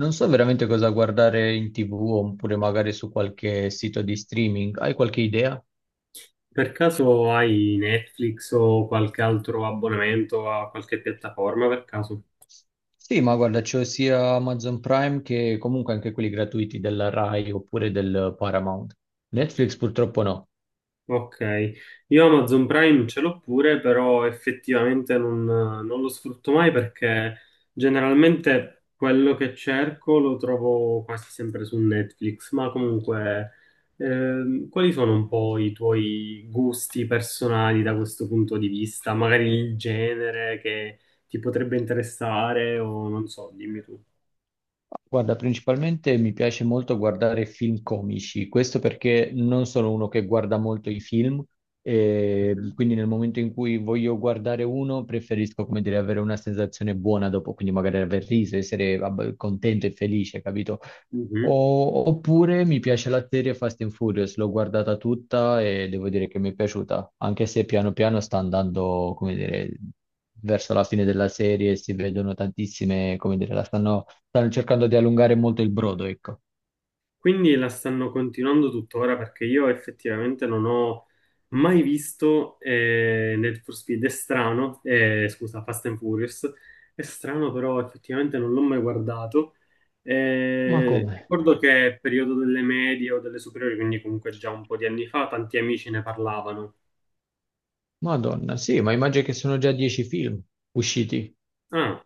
Non so veramente cosa guardare in TV oppure magari su qualche sito di streaming. Hai qualche idea? Per caso hai Netflix o qualche altro abbonamento a qualche piattaforma per caso? Sì, ma guarda, c'ho sia Amazon Prime che comunque anche quelli gratuiti della Rai oppure del Paramount. Netflix purtroppo no. Ok, io Amazon Prime ce l'ho pure, però effettivamente non lo sfrutto mai perché generalmente quello che cerco lo trovo quasi sempre su Netflix, ma comunque quali sono un po' i tuoi gusti personali da questo punto di vista? Magari il genere che ti potrebbe interessare o non so, dimmi tu. Guarda, principalmente mi piace molto guardare film comici, questo perché non sono uno che guarda molto i film, e quindi nel momento in cui voglio guardare uno preferisco, come dire, avere una sensazione buona dopo, quindi magari aver riso, essere vabbè, contento e felice, capito? Mhm. Oppure mi piace la serie Fast and Furious, l'ho guardata tutta e devo dire che mi è piaciuta, anche se piano piano sta andando, come dire, verso la fine della serie, si vedono tantissime, come dire, la stanno cercando di allungare molto il brodo, ecco. Quindi la stanno continuando tuttora perché io effettivamente non ho mai visto Need for Speed. È strano, scusa, Fast and Furious. È strano, però effettivamente non l'ho mai guardato. Ma come? Ricordo che è periodo delle medie o delle superiori, quindi comunque già un po' di anni fa, tanti amici ne parlavano. Madonna, sì, ma immagino che sono già dieci film usciti. Ah,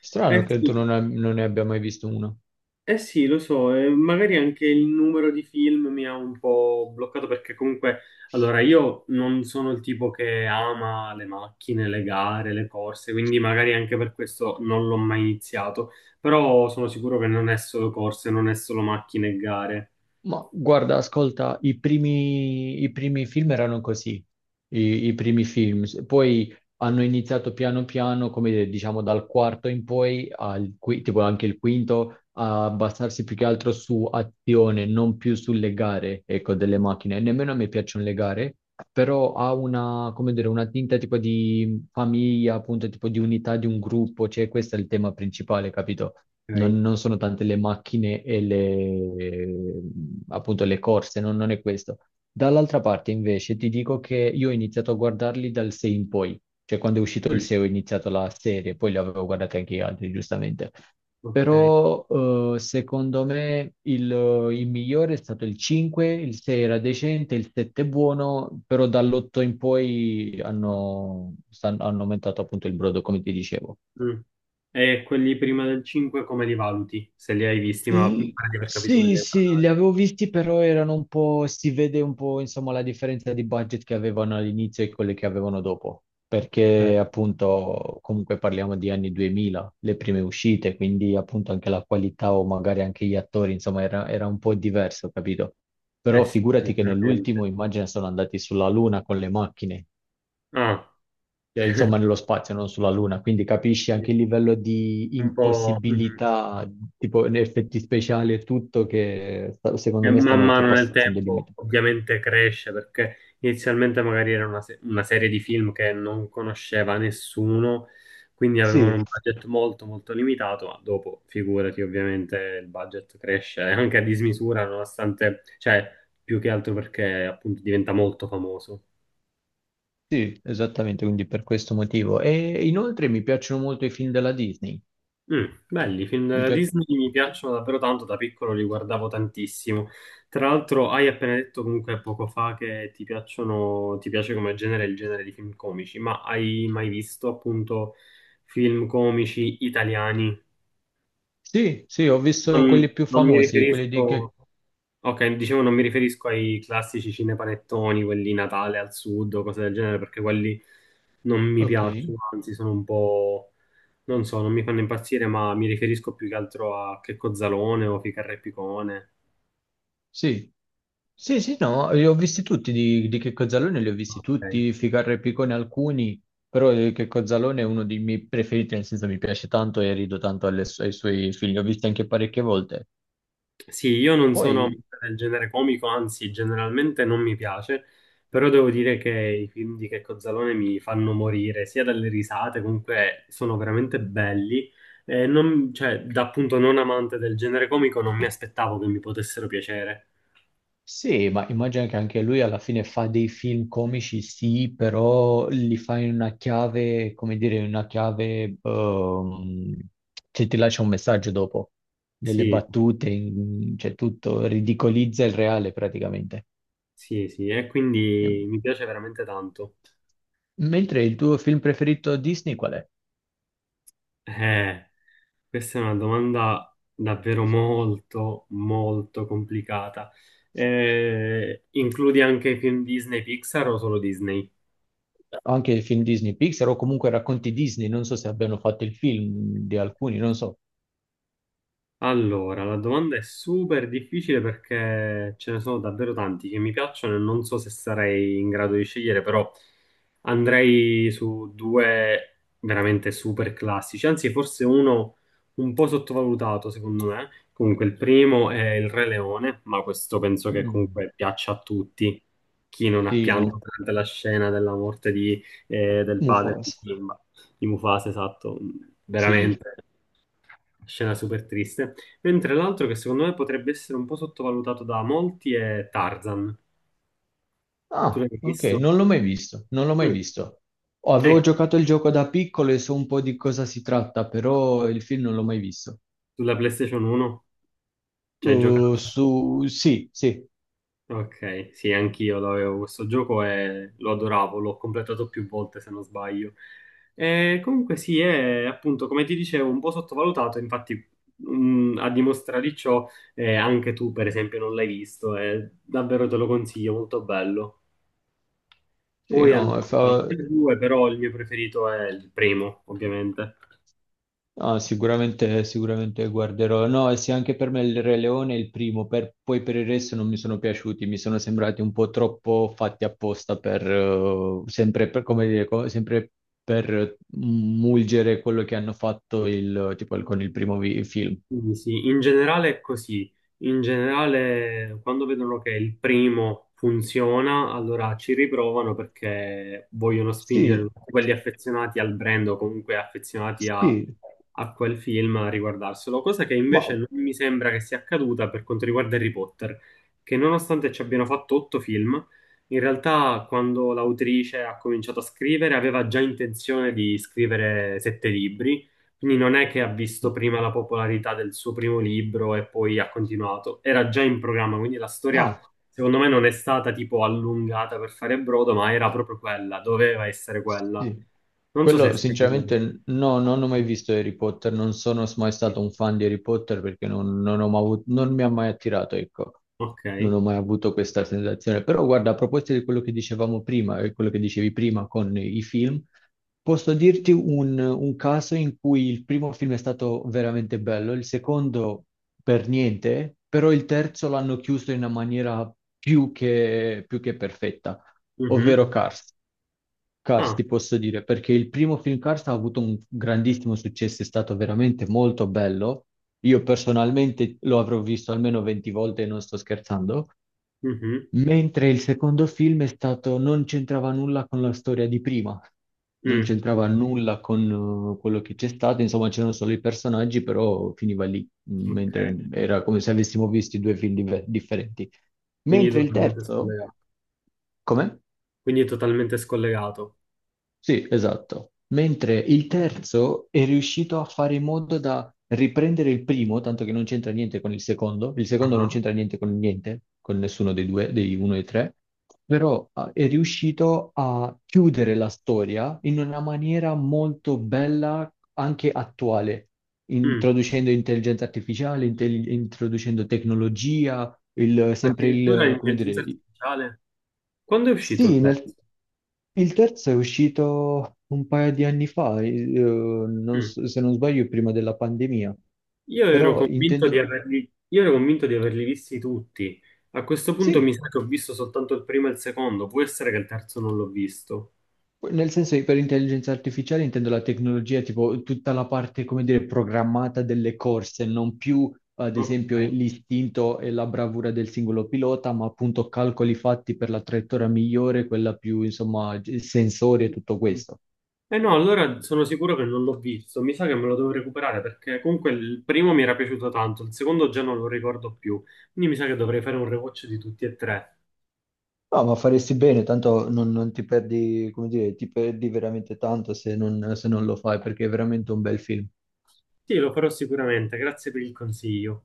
Strano eh che tu sì. non ne abbia mai visto uno. Eh sì, lo so, e magari anche il numero di film mi ha un po' bloccato perché comunque, allora, io non sono il tipo che ama le macchine, le gare, le corse, quindi magari anche per questo non l'ho mai iniziato, però sono sicuro che non è solo corse, non è solo macchine e gare. Ma guarda, ascolta, i primi film erano così, i primi film. Poi hanno iniziato piano piano, come dire, diciamo dal quarto in poi, tipo anche il quinto, a basarsi più che altro su azione, non più sulle gare, ecco, delle macchine. E nemmeno a me piacciono le gare, però ha una, come dire, una tinta tipo di famiglia, appunto, tipo di unità di un gruppo, cioè questo è il tema principale, capito? Ok. Non sono tante le macchine e le, appunto, le corse, non è questo. Dall'altra parte, invece, ti dico che io ho iniziato a guardarli dal 6 in poi, cioè quando è uscito il Mm, 6 ho iniziato la serie, poi li avevo guardati anche gli altri, giustamente. ok. Però, secondo me il migliore è stato il 5, il 6 era decente, il 7 è buono, però dall'8 in poi hanno, hanno aumentato appunto il brodo, come ti dicevo. Mm. E quelli prima del 5 come li valuti? Se li hai visti, ma mi L- pare di aver capito che Sì, devi sì, li parlare. avevo visti, però erano un po', si vede un po', insomma, la differenza di budget che avevano all'inizio e quelle che avevano dopo, Eh, perché appunto comunque parliamo di anni 2000, le prime uscite, quindi appunto anche la qualità o magari anche gli attori, insomma, era un po' diverso, capito? Però eh sì, figurati che veramente. nell'ultimo, immagina, sono andati sulla Luna con le macchine, Ah, insomma, nello spazio, non sulla Luna, quindi capisci anche il livello di un po'. Mhm. impossibilità, tipo in effetti speciali e tutto, che secondo E me man stanno mano nel oltrepassando i tempo limiti. ovviamente cresce perché inizialmente magari era una, una serie di film che non conosceva nessuno, quindi avevano Sì, un budget molto molto limitato, ma dopo figurati ovviamente il budget cresce anche a dismisura, nonostante, cioè più che altro perché appunto diventa molto famoso. sì, esattamente, quindi per questo motivo. E inoltre mi piacciono molto i film della Disney. Mm, belli, i film Mi della pia- Disney mi piacciono davvero tanto, da piccolo li guardavo tantissimo. Tra l'altro, hai appena detto comunque poco fa che ti piacciono, ti piace come genere il genere di film comici, ma hai mai visto appunto film comici italiani? Sì, sì, ho visto Non, quelli più non mi famosi, quelli di che... riferisco, ok, dicevo non mi riferisco ai classici cinepanettoni, quelli Natale al Sud o cose del genere, perché quelli non mi Ok. piacciono, anzi sono un po'. Non so, non mi fanno impazzire, ma mi riferisco più che altro a Checco Zalone o Ficarra e Picone. Sì, sì, sì, no, li ho visti tutti di Checco Zalone, li ho visti Ok. tutti, Ficarra e Picone alcuni, però Checco Zalone è uno dei miei preferiti, nel senso mi piace tanto e rido tanto alle ai suoi film, li ho visti anche parecchie volte. Sì, io non sono Poi, amante del genere comico, anzi, generalmente non mi piace, però devo dire che i film di Checco Zalone mi fanno morire, sia dalle risate, comunque sono veramente belli. E non- cioè, da appunto non amante del genere comico, non mi aspettavo che mi potessero piacere. sì, ma immagino che anche lui alla fine fa dei film comici, sì, però li fa in una chiave, come dire, in una chiave che ti lascia un messaggio dopo, delle Sì, battute, cioè tutto, ridicolizza il reale praticamente. sì, sì, e quindi Ehm, mi piace veramente tanto. Mentre il tuo film preferito Disney qual è? Eh. Questa è una domanda davvero molto, molto complicata. Includi anche i film Disney Pixar o solo Disney? Anche i film Disney Pixar o comunque racconti Disney, non so se abbiano fatto il film di alcuni, non so. Allora, la domanda è super difficile perché ce ne sono davvero tanti che mi piacciono e non so se sarei in grado di scegliere, però andrei su due veramente super classici, anzi forse uno un po' sottovalutato secondo me. Comunque il primo è il Re Leone, ma questo penso che Mm, comunque piaccia a tutti, chi non ha sì, pianto non. durante la scena della morte di, del padre di Mufasa. Simba, di Mufasa, esatto, Sì. veramente. Scena super triste. Mentre l'altro che secondo me potrebbe essere un po' sottovalutato da molti è Tarzan. Tu Ah, l'hai ok, visto? non l'ho mai visto, non l'ho mai Mm. visto. Oh, avevo Ecco, giocato il gioco da piccolo e so un po' di cosa si tratta, però il film non l'ho mai visto. sulla PlayStation 1 ci hai giocato. Sì, sì. Ok, sì, anch'io lo avevo questo gioco e lo adoravo, l'ho completato più volte se non sbaglio. E comunque sì, è appunto, come ti dicevo, un po' sottovalutato, infatti mm, a dimostrare di ciò anche tu per esempio non l'hai visto, è davvero te lo consiglio, molto bello. Sì, Poi hanno no, fatto fa- anche il due, però il mio preferito è il primo, ovviamente. Ah, sicuramente, sicuramente guarderò. No, e sì, anche per me il Re Leone è il primo, poi per il resto non mi sono piaciuti, mi sono sembrati un po' troppo fatti apposta per, sempre per, come dire, sempre per mulgere quello che hanno fatto il, tipo, il- con il primo film. Sì, sì, in generale è così. In generale, quando vedono che il primo funziona, allora ci riprovano perché vogliono spingere Sì, tutti quelli affezionati al brand o comunque affezionati a, sì, a quel film a riguardarselo. Cosa che ma invece non mi sembra che sia accaduta per quanto riguarda Harry Potter, che nonostante ci abbiano fatto otto film, in realtà quando l'autrice ha cominciato a scrivere aveva già intenzione di scrivere sette libri, quindi non è che ha visto prima la popolarità del suo primo libro e poi ha continuato, era già in programma, quindi la storia Ah. secondo me non è stata tipo allungata per fare brodo, ma era proprio quella, doveva essere quella. Sì. Non so se è Quello stato... sinceramente no, non ho mai visto Harry Potter, non sono mai stato un fan di Harry Potter perché non, non ho mai avu- non mi ha mai attirato, ecco, Ok. non ho mai avuto questa sensazione. Però guarda, a proposito di quello che dicevamo prima, e quello che dicevi prima con i film, posso dirti un caso in cui il primo film è stato veramente bello, il secondo per niente, però il terzo l'hanno chiuso in una maniera più che perfetta, Mhm. ovvero Cars. Cars, Ah, ti posso dire, perché il primo film Cars ha avuto un grandissimo successo, è stato veramente molto bello. Io personalmente lo avrò visto almeno 20 volte e non sto scherzando, mhm. mentre il secondo film è stato, non c'entrava nulla con la storia di prima, non Mm. c'entrava nulla con quello che c'è stato, insomma c'erano solo i personaggi, però finiva lì, Ok. mentre era come se avessimo visto due film differenti. Quindi Mentre il totalmente terzo, scollegato. come? Quindi totalmente scollegato. Sì, esatto. Mentre il terzo è riuscito a fare in modo da riprendere il primo, tanto che non c'entra niente con il secondo. Il secondo non Ah. c'entra niente con niente, con nessuno dei due, dei uno e tre, però ah, è riuscito a chiudere la storia in una maniera molto bella, anche attuale, Mm. introducendo intelligenza artificiale, introducendo tecnologia, il- sempre Addirittura il, come l'intelligenza dire, artificiale. Quando è uscito il sì, pezzo? il terzo è uscito un paio di anni fa, non Mm. so- se non sbaglio prima della pandemia, Io ero però convinto di intendo, averli, io ero convinto di averli visti tutti. A questo punto mi sì, sa che ho visto soltanto il primo e il secondo, può essere che il terzo non l'ho visto. nel senso che per intelligenza artificiale intendo la tecnologia, tipo tutta la parte, come dire, programmata delle corse, non più ad Ok. esempio l'istinto e la bravura del singolo pilota, ma appunto calcoli fatti per la traiettoria migliore, quella più, insomma, sensori e tutto questo. Eh no, allora sono sicuro che non l'ho visto, mi sa che me lo devo recuperare perché comunque il primo mi era piaciuto tanto, il secondo già non lo ricordo più, quindi mi sa che dovrei fare un rewatch di tutti e tre. No, ma faresti bene, tanto non ti perdi, come dire, ti perdi veramente tanto se non lo fai, perché è veramente un bel film. Sì, lo farò sicuramente, grazie per il consiglio.